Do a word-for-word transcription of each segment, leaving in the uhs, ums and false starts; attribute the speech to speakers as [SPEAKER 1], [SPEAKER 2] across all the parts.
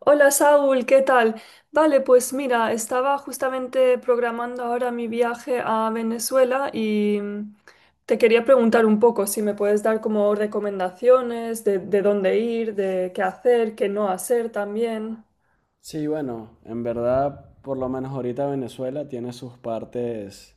[SPEAKER 1] Hola Saúl, ¿qué tal? Vale, pues mira, estaba justamente programando ahora mi viaje a Venezuela y mm, te quería preguntar un poco si me puedes dar como recomendaciones de, de dónde ir, de qué hacer, qué no hacer también.
[SPEAKER 2] Sí, bueno, en verdad, por lo menos ahorita Venezuela tiene sus partes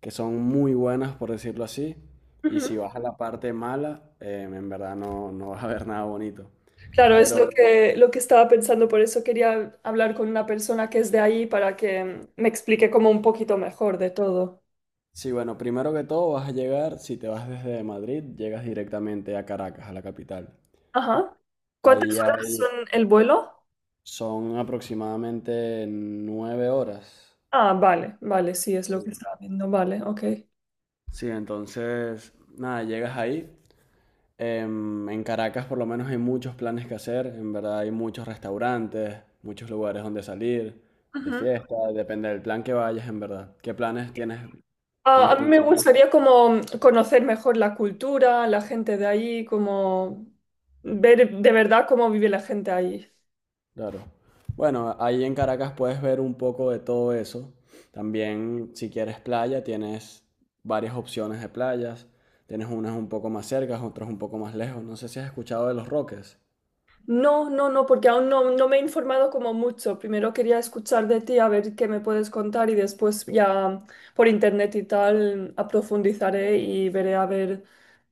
[SPEAKER 2] que son muy buenas, por decirlo así, y si
[SPEAKER 1] Ujú.
[SPEAKER 2] vas a la parte mala, eh, en verdad no, no vas a ver nada bonito.
[SPEAKER 1] Claro, es lo
[SPEAKER 2] Pero
[SPEAKER 1] que, lo que estaba pensando, por eso quería hablar con una persona que es de ahí para que mm, me explique como un poquito mejor de todo.
[SPEAKER 2] sí, bueno, primero que todo vas a llegar, si te vas desde Madrid, llegas directamente a Caracas, a la capital.
[SPEAKER 1] Ajá. ¿Cuántas
[SPEAKER 2] Ahí
[SPEAKER 1] horas
[SPEAKER 2] hay,
[SPEAKER 1] son el vuelo?
[SPEAKER 2] son aproximadamente nueve horas.
[SPEAKER 1] Ah, vale, vale, sí, es lo
[SPEAKER 2] Sí.
[SPEAKER 1] que estaba viendo, vale, ok.
[SPEAKER 2] Sí, entonces, nada, llegas ahí. Em, en Caracas por lo menos hay muchos planes que hacer, en verdad hay muchos restaurantes, muchos lugares donde salir, de
[SPEAKER 1] Ujú.
[SPEAKER 2] fiesta, depende del plan que vayas, en verdad. ¿Qué planes tienes,
[SPEAKER 1] Ah,
[SPEAKER 2] tienes
[SPEAKER 1] a mí me
[SPEAKER 2] pensado?
[SPEAKER 1] gustaría como conocer mejor la cultura, la gente de ahí, como ver de verdad cómo vive la gente ahí.
[SPEAKER 2] Claro. Bueno, ahí en Caracas puedes ver un poco de todo eso. También si quieres playa, tienes varias opciones de playas. Tienes unas un poco más cercas, otras un poco más lejos. No sé si has escuchado de Los Roques.
[SPEAKER 1] No, no, no, porque aún no, no me he informado como mucho. Primero quería escuchar de ti, a ver qué me puedes contar y después ya por internet y tal aprofundizaré y veré a ver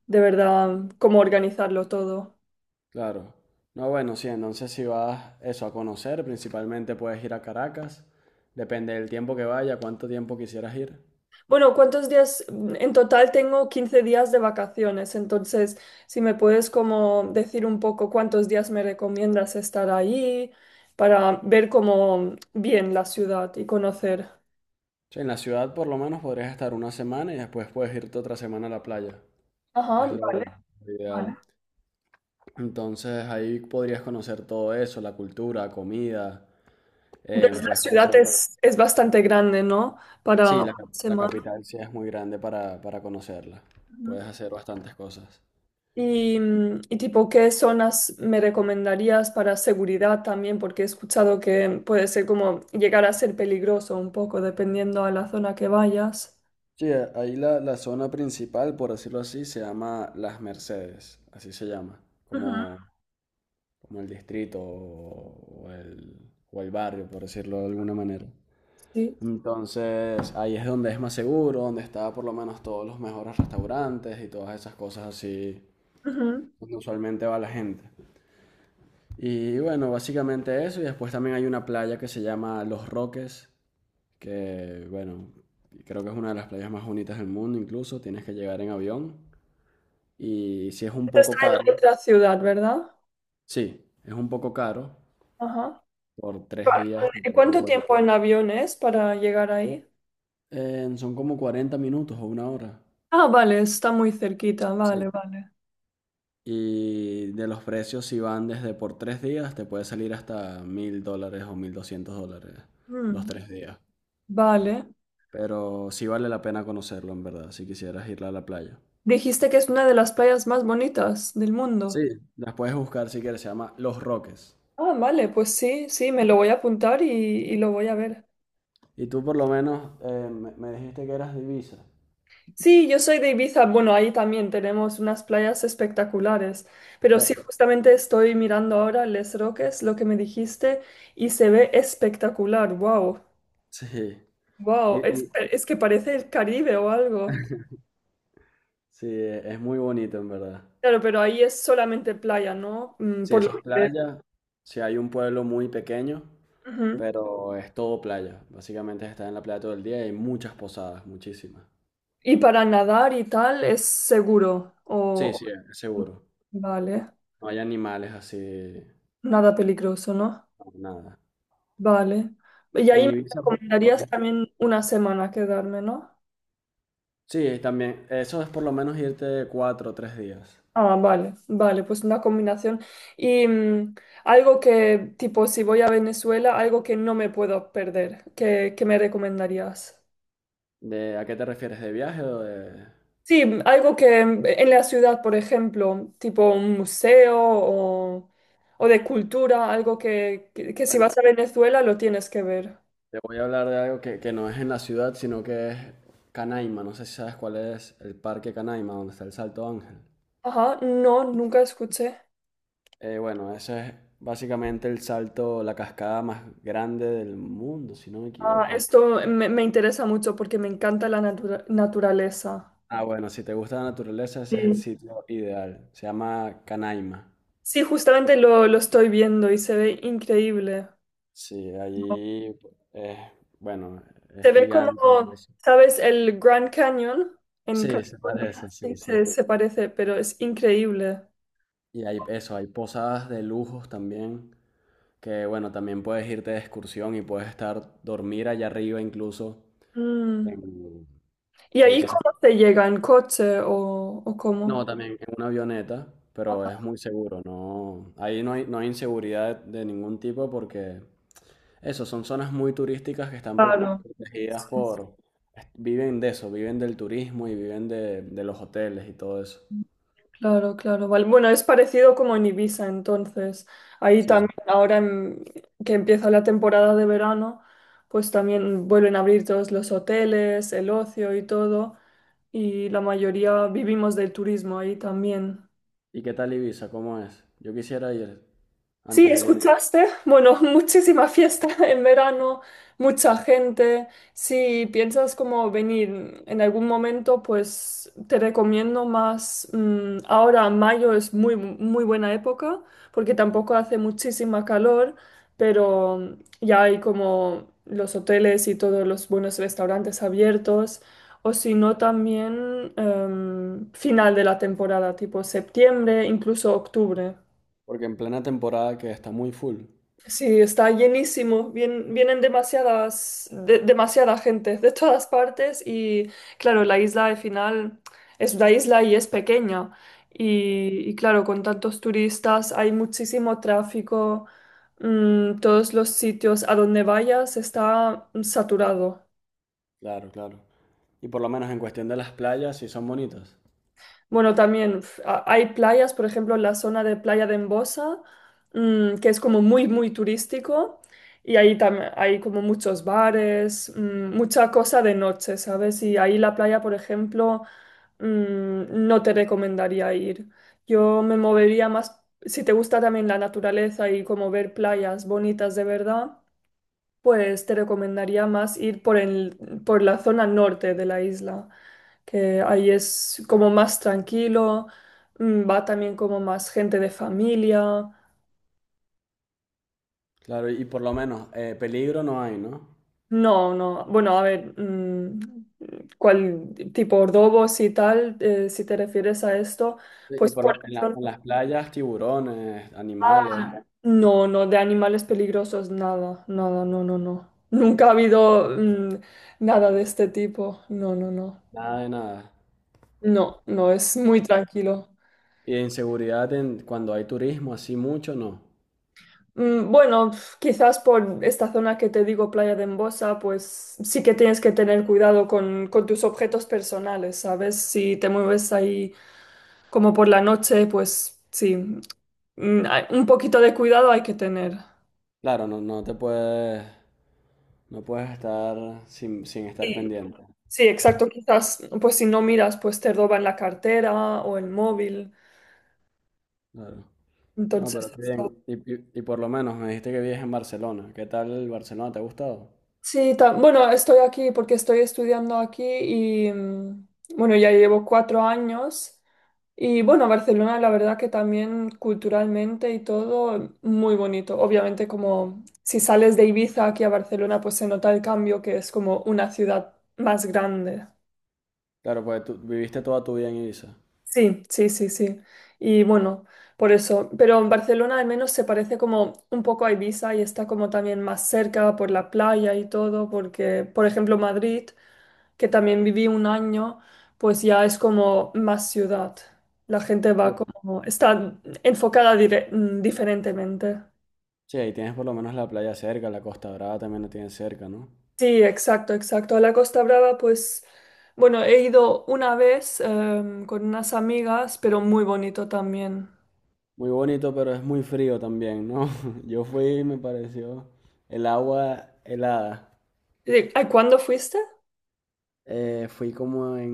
[SPEAKER 1] de verdad cómo organizarlo todo.
[SPEAKER 2] Claro. No, bueno, sí, entonces si vas eso a conocer, principalmente puedes ir a Caracas. Depende del tiempo que vaya, cuánto tiempo quisieras ir.
[SPEAKER 1] Bueno, ¿cuántos días? En total tengo quince días de vacaciones, entonces si me puedes como decir un poco cuántos días me recomiendas estar ahí para ver como bien la ciudad y conocer.
[SPEAKER 2] Sí, en la ciudad por lo menos podrías estar una semana y después puedes irte otra semana a la playa.
[SPEAKER 1] Ajá,
[SPEAKER 2] Es lo
[SPEAKER 1] vale.
[SPEAKER 2] lo
[SPEAKER 1] Vale.
[SPEAKER 2] ideal. Entonces ahí podrías conocer todo eso, la cultura, comida,
[SPEAKER 1] Entonces
[SPEAKER 2] em,
[SPEAKER 1] la
[SPEAKER 2] puedes
[SPEAKER 1] ciudad
[SPEAKER 2] conocer...
[SPEAKER 1] es, es bastante grande, ¿no?
[SPEAKER 2] Sí,
[SPEAKER 1] Para una
[SPEAKER 2] la, cap- la
[SPEAKER 1] semana.
[SPEAKER 2] capital sí es muy grande para, para conocerla. Puedes hacer bastantes cosas.
[SPEAKER 1] Y, mm, y tipo, ¿qué zonas me recomendarías para seguridad también? Porque he escuchado que puede ser como llegar a ser peligroso un poco dependiendo a la zona que vayas.
[SPEAKER 2] Sí, a- ahí la, la zona principal, por decirlo así, se llama Las Mercedes, así se llama,
[SPEAKER 1] Ujú.
[SPEAKER 2] como, como el distrito o, o el, o el barrio, por decirlo de alguna manera.
[SPEAKER 1] Sí.
[SPEAKER 2] Entonces, ahí es donde es más seguro, donde está por lo menos todos los mejores restaurantes y todas esas cosas así,
[SPEAKER 1] Ujú.
[SPEAKER 2] donde usualmente va la gente. Y bueno, básicamente eso, y después también hay una playa que se llama Los Roques, que bueno, creo que es una de las playas más bonitas del mundo incluso, tienes que llegar en avión. Y si es un
[SPEAKER 1] Esto está
[SPEAKER 2] poco caro,
[SPEAKER 1] en otra ciudad, ¿verdad?
[SPEAKER 2] sí, es un poco caro.
[SPEAKER 1] Ajá.
[SPEAKER 2] Por tres días. Te
[SPEAKER 1] ¿Y
[SPEAKER 2] puede- te
[SPEAKER 1] cuánto
[SPEAKER 2] puede-
[SPEAKER 1] tiempo en avión es para llegar ahí?
[SPEAKER 2] Eh, son como cuarenta minutos o una hora.
[SPEAKER 1] Ah, vale, está muy cerquita, vale,
[SPEAKER 2] Sí.
[SPEAKER 1] vale.
[SPEAKER 2] Y de los precios, si van desde por tres días, te puede salir hasta mil dólares o mil doscientos dólares los
[SPEAKER 1] Mm,
[SPEAKER 2] tres días.
[SPEAKER 1] vale.
[SPEAKER 2] Pero sí vale la pena conocerlo, en verdad, si quisieras ir a la playa.
[SPEAKER 1] Dijiste que es una de las playas más bonitas del
[SPEAKER 2] Sí,
[SPEAKER 1] mundo.
[SPEAKER 2] las puedes buscar si quieres, se llama Los Roques.
[SPEAKER 1] Ah, vale, pues sí, sí, me lo voy a apuntar y, y lo voy a ver.
[SPEAKER 2] Y tú por lo menos, eh, me, me dijiste que eras divisa.
[SPEAKER 1] Sí, yo soy de Ibiza, bueno, ahí también tenemos unas playas espectaculares, pero sí, justamente estoy mirando ahora Les Roques, lo que me dijiste, y se ve espectacular, wow,
[SPEAKER 2] Sí. Y,
[SPEAKER 1] wow, es,
[SPEAKER 2] y-
[SPEAKER 1] es que parece el Caribe o algo.
[SPEAKER 2] Sí, e- es muy bonito en verdad.
[SPEAKER 1] Claro, pero ahí es solamente playa, ¿no? Mm,
[SPEAKER 2] Sí,
[SPEAKER 1] Por lo
[SPEAKER 2] eso es
[SPEAKER 1] que veo.
[SPEAKER 2] playa. Sí, hay un pueblo muy pequeño,
[SPEAKER 1] Ujú.
[SPEAKER 2] pero es todo playa. Básicamente está en la playa todo el día y hay muchas posadas, muchísimas.
[SPEAKER 1] Y para nadar y tal es seguro,
[SPEAKER 2] Sí,
[SPEAKER 1] o.
[SPEAKER 2] sí, es seguro.
[SPEAKER 1] Vale,
[SPEAKER 2] No hay animales así, no,
[SPEAKER 1] nada peligroso, ¿no?
[SPEAKER 2] nada.
[SPEAKER 1] Vale. Y ahí
[SPEAKER 2] En
[SPEAKER 1] me
[SPEAKER 2] Ibiza, por, por-
[SPEAKER 1] recomendarías también una semana quedarme, ¿no?
[SPEAKER 2] sí, también. Eso es por lo menos irte cuatro o tres días.
[SPEAKER 1] Ah, vale, vale, pues una combinación. Y mm, algo que, tipo, si voy a Venezuela, algo que no me puedo perder, que que me recomendarías?
[SPEAKER 2] ¿De, a qué te refieres? ¿De viaje o de...?
[SPEAKER 1] Sí, mm, algo que mm, en la ciudad, por ejemplo, tipo un museo o, o de cultura, algo que, que, que si
[SPEAKER 2] Bueno,
[SPEAKER 1] vas a Venezuela lo tienes que ver.
[SPEAKER 2] te voy a hablar de algo que, que no es en la ciudad, sino que es Canaima. No sé si sabes cuál es el parque Canaima, donde está el Salto Ángel.
[SPEAKER 1] Ajá, no, nunca escuché.
[SPEAKER 2] Eh, bueno, ese es básicamente el salto, la cascada más grande del mundo, si no me
[SPEAKER 1] Ah,
[SPEAKER 2] equivoco.
[SPEAKER 1] esto me, me interesa mucho porque me encanta la natura- naturaleza.
[SPEAKER 2] Ah, bueno, si te gusta la naturaleza, ese es el
[SPEAKER 1] Sí.
[SPEAKER 2] sitio ideal. Se llama Canaima.
[SPEAKER 1] Sí, justamente lo, lo estoy viendo y se ve increíble.
[SPEAKER 2] Sí, allí es, bueno, es
[SPEAKER 1] Se ve como,
[SPEAKER 2] gigante eso.
[SPEAKER 1] ¿sabes? El Grand Canyon en
[SPEAKER 2] Sí, se
[SPEAKER 1] California.
[SPEAKER 2] parece, sí,
[SPEAKER 1] Sí,
[SPEAKER 2] sí.
[SPEAKER 1] se, se parece, pero es increíble.
[SPEAKER 2] Y hay eso, hay posadas de lujos también, que bueno, también puedes irte de excursión y puedes estar, dormir allá arriba incluso,
[SPEAKER 1] Mm.
[SPEAKER 2] en,
[SPEAKER 1] ¿Y
[SPEAKER 2] eh,
[SPEAKER 1] ahí
[SPEAKER 2] que se.
[SPEAKER 1] cómo se llega? ¿En coche o, o
[SPEAKER 2] No,
[SPEAKER 1] cómo?
[SPEAKER 2] también en una avioneta, pero es muy seguro. No, ahí no hay, no hay inseguridad de, de ningún tipo porque eso, son zonas muy turísticas que están pro-
[SPEAKER 1] Claro.
[SPEAKER 2] protegidas por, viven de eso, viven del turismo y viven de, de los hoteles y todo eso.
[SPEAKER 1] Claro, claro, vale. Bueno, es parecido como en Ibiza, entonces. Ahí
[SPEAKER 2] Sí.
[SPEAKER 1] también, ahora en- que empieza la temporada de verano, pues también vuelven a abrir todos los hoteles, el ocio y todo. Y la mayoría vivimos del turismo ahí también.
[SPEAKER 2] ¿Y qué tal Ibiza? ¿Cómo es? Yo quisiera ir
[SPEAKER 1] Sí,
[SPEAKER 2] antes de ir,
[SPEAKER 1] escuchaste. Bueno, muchísima fiesta en verano, mucha gente. Si piensas como venir en algún momento, pues te recomiendo más. Mm, ahora mayo es muy, muy buena época porque tampoco hace muchísima calor, pero ya hay como los hoteles y todos los buenos restaurantes abiertos. O si no, también em, final de la temporada, tipo septiembre, incluso octubre.
[SPEAKER 2] porque en plena temporada que está muy full.
[SPEAKER 1] Sí, está llenísimo. Vien- vienen demasiadas, de- demasiada gente de todas partes y claro, la isla al final es una isla y es pequeña. Y, y, claro, con tantos turistas hay muchísimo tráfico. Mm, todos los sitios a donde vayas está saturado.
[SPEAKER 2] Claro, claro. Y por lo menos en cuestión de las playas sí son bonitas.
[SPEAKER 1] Bueno, también f- a- hay playas, por ejemplo, la zona de Playa de Embosa, mm, que es como muy, muy turístico y ahí también hay como muchos bares, mm, mucha cosa de noche, ¿sabes? Y ahí la playa, por ejemplo, mm, no te recomendaría ir. Yo me movería más, si te gusta también la naturaleza y como ver playas bonitas de verdad, pues te recomendaría más ir por el, por la zona norte de la isla, que ahí es como más tranquilo, mm, va también como más gente de familia.
[SPEAKER 2] Claro, y por lo menos, eh, peligro no hay, ¿no?
[SPEAKER 1] No, no, bueno, a ver, mm, cuál tipo Ordovos y tal, eh, si te refieres a esto,
[SPEAKER 2] Y
[SPEAKER 1] pues
[SPEAKER 2] por
[SPEAKER 1] por
[SPEAKER 2] lo-
[SPEAKER 1] la
[SPEAKER 2] en la- en
[SPEAKER 1] zona-
[SPEAKER 2] las playas, tiburones,
[SPEAKER 1] Ah,
[SPEAKER 2] animales,
[SPEAKER 1] no, no, de animales peligrosos, nada, nada, no, no, no. Nunca ha habido mm, nada de este tipo, no, no, no.
[SPEAKER 2] nada de nada.
[SPEAKER 1] No, no, es muy tranquilo.
[SPEAKER 2] Y de inseguridad, en, cuando hay turismo, así mucho, no.
[SPEAKER 1] Mm, Bueno, pf, quizás por esta zona que te digo, Playa de Embosa, pues sí que tienes que tener cuidado con, con tus objetos personales, ¿sabes? Si te mueves ahí como por la noche, pues sí, mm, hay- un poquito de cuidado hay que tener.
[SPEAKER 2] Claro, no, no te puedes, no puedes estar sin, sin estar
[SPEAKER 1] Sí,
[SPEAKER 2] pendiente.
[SPEAKER 1] sí, exacto. Quizás, pues si no miras, pues te roban la cartera o el móvil.
[SPEAKER 2] Claro. No,
[SPEAKER 1] Entonces.
[SPEAKER 2] pero qué bien. Y, y- y por lo menos me dijiste que vives en Barcelona. ¿Qué tal el Barcelona? ¿Te ha gustado?
[SPEAKER 1] Sí, ta- bueno, estoy aquí porque estoy estudiando aquí y mm, bueno, ya llevo cuatro años y bueno, Barcelona la verdad que también culturalmente y todo muy bonito. Obviamente como si sales de Ibiza aquí a Barcelona pues se nota el cambio que es como una ciudad más grande.
[SPEAKER 2] Claro, pues tú viviste toda tu vida en Ibiza.
[SPEAKER 1] Sí, sí, sí, sí. Y bueno, por eso. Pero en Barcelona al menos se parece como un poco a Ibiza y está como también más cerca por la playa y todo, porque, por ejemplo, Madrid, que también viví un año, pues ya es como más ciudad. La gente va
[SPEAKER 2] Sí,
[SPEAKER 1] como, está enfocada dire- mm, diferentemente.
[SPEAKER 2] sí, ahí tienes por lo menos la playa cerca, la Costa Brava también la tienes cerca, ¿no?
[SPEAKER 1] Sí, exacto, exacto. A la Costa Brava, pues, bueno, he ido una vez em, con unas amigas, pero muy bonito también.
[SPEAKER 2] Muy bonito, pero es muy frío también, ¿no? Yo fui y me pareció el agua helada.
[SPEAKER 1] Eh, ¿Cuándo fuiste?
[SPEAKER 2] Eh, fui como en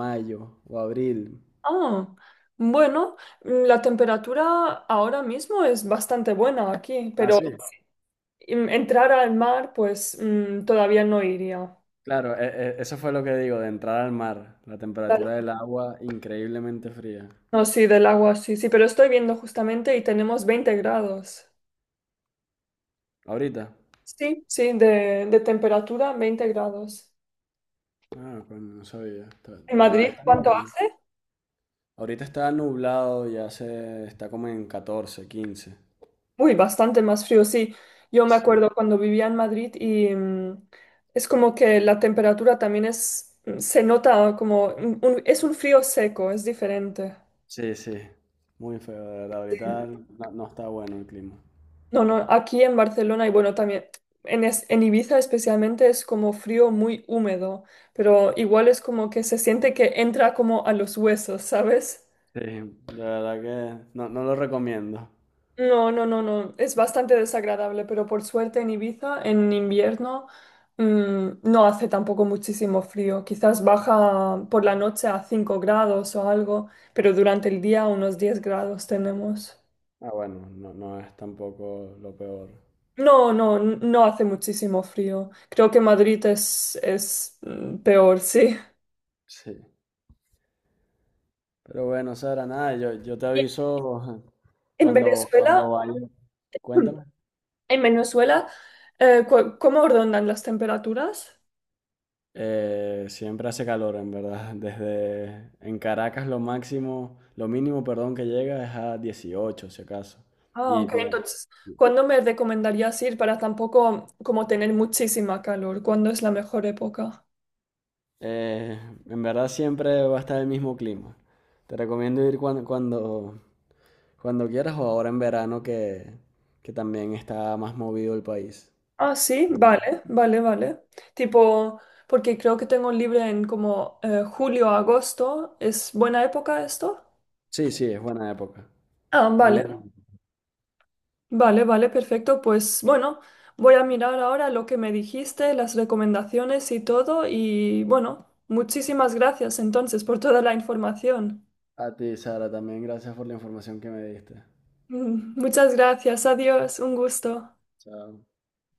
[SPEAKER 2] mayo o abril.
[SPEAKER 1] Ah, bueno, mm, la temperatura ahora mismo es bastante buena aquí,
[SPEAKER 2] Ah,
[SPEAKER 1] pero
[SPEAKER 2] sí.
[SPEAKER 1] si, mm, entrar al mar, pues mm, todavía no iría.
[SPEAKER 2] Claro, e- e- eso fue lo que digo, de entrar al mar. La
[SPEAKER 1] Claro.
[SPEAKER 2] temperatura del agua increíblemente fría.
[SPEAKER 1] No, sí, del agua, sí, sí, pero estoy viendo justamente y tenemos veinte grados.
[SPEAKER 2] ¿Ahorita?
[SPEAKER 1] Sí, sí, de, de temperatura, veinte grados.
[SPEAKER 2] Ah, coño, no sabía. Está,
[SPEAKER 1] ¿En
[SPEAKER 2] está-
[SPEAKER 1] Madrid
[SPEAKER 2] está
[SPEAKER 1] cuánto
[SPEAKER 2] bien.
[SPEAKER 1] hace?
[SPEAKER 2] Ahorita está nublado, ya se está como en catorce, quince.
[SPEAKER 1] Uy, bastante más frío, sí. Yo me
[SPEAKER 2] Sí,
[SPEAKER 1] acuerdo cuando vivía en Madrid y mm, es como que la temperatura también es, mm, se nota como, un- un- es un frío seco, es diferente.
[SPEAKER 2] sí, sí. Muy feo, de verdad. Ahorita no, no está bueno el clima.
[SPEAKER 1] No, no, aquí en Barcelona y bueno, también en, es- en Ibiza especialmente es como frío muy húmedo, pero igual es como que se siente que entra como a los huesos, ¿sabes?
[SPEAKER 2] Sí, de verdad que no, no lo recomiendo.
[SPEAKER 1] No, no, no, no. Es bastante desagradable, pero por suerte en Ibiza, en invierno, mm, no hace tampoco muchísimo frío. Quizás baja por la noche a cinco grados o algo, pero durante el día unos diez grados tenemos.
[SPEAKER 2] Ah, bueno, no, no es tampoco lo peor.
[SPEAKER 1] No, no, n- no hace muchísimo frío. Creo que Madrid es, es mm, peor, sí.
[SPEAKER 2] Sí. Pero bueno, Sara, nada, yo, yo te
[SPEAKER 1] Y
[SPEAKER 2] aviso
[SPEAKER 1] En
[SPEAKER 2] cuando,
[SPEAKER 1] Venezuela,
[SPEAKER 2] cuando vaya. Cuéntame.
[SPEAKER 1] en Venezuela, eh, cu- ¿cómo rondan las temperaturas?
[SPEAKER 2] Eh, siempre hace calor, en verdad. Desde en Caracas lo máximo, lo mínimo, perdón, que llega es a dieciocho si acaso.
[SPEAKER 1] Ah,
[SPEAKER 2] Y
[SPEAKER 1] ok.
[SPEAKER 2] tiene-
[SPEAKER 1] Entonces, ¿cuándo me recomendarías ir para tampoco como tener muchísima calor? ¿Cuándo es la mejor época?
[SPEAKER 2] eh, en verdad siempre va a estar el mismo clima. Te recomiendo ir cuando, cuando, Cuando quieras o ahora en verano que, que también está más movido el país.
[SPEAKER 1] Ah, sí, vale, vale, vale. Tipo, porque creo que tengo libre en como eh, julio, agosto. ¿Es buena época esto?
[SPEAKER 2] Sí, sí, es buena época.
[SPEAKER 1] Ah,
[SPEAKER 2] Muy
[SPEAKER 1] vale,
[SPEAKER 2] bien.
[SPEAKER 1] vale, vale, perfecto. Pues bueno, voy a mirar ahora lo que me dijiste, las recomendaciones y todo. Y bueno, muchísimas gracias entonces por toda la información.
[SPEAKER 2] A ti, Sara, también gracias por la información que me diste.
[SPEAKER 1] Mm, Muchas gracias, adiós, un gusto.
[SPEAKER 2] Chao.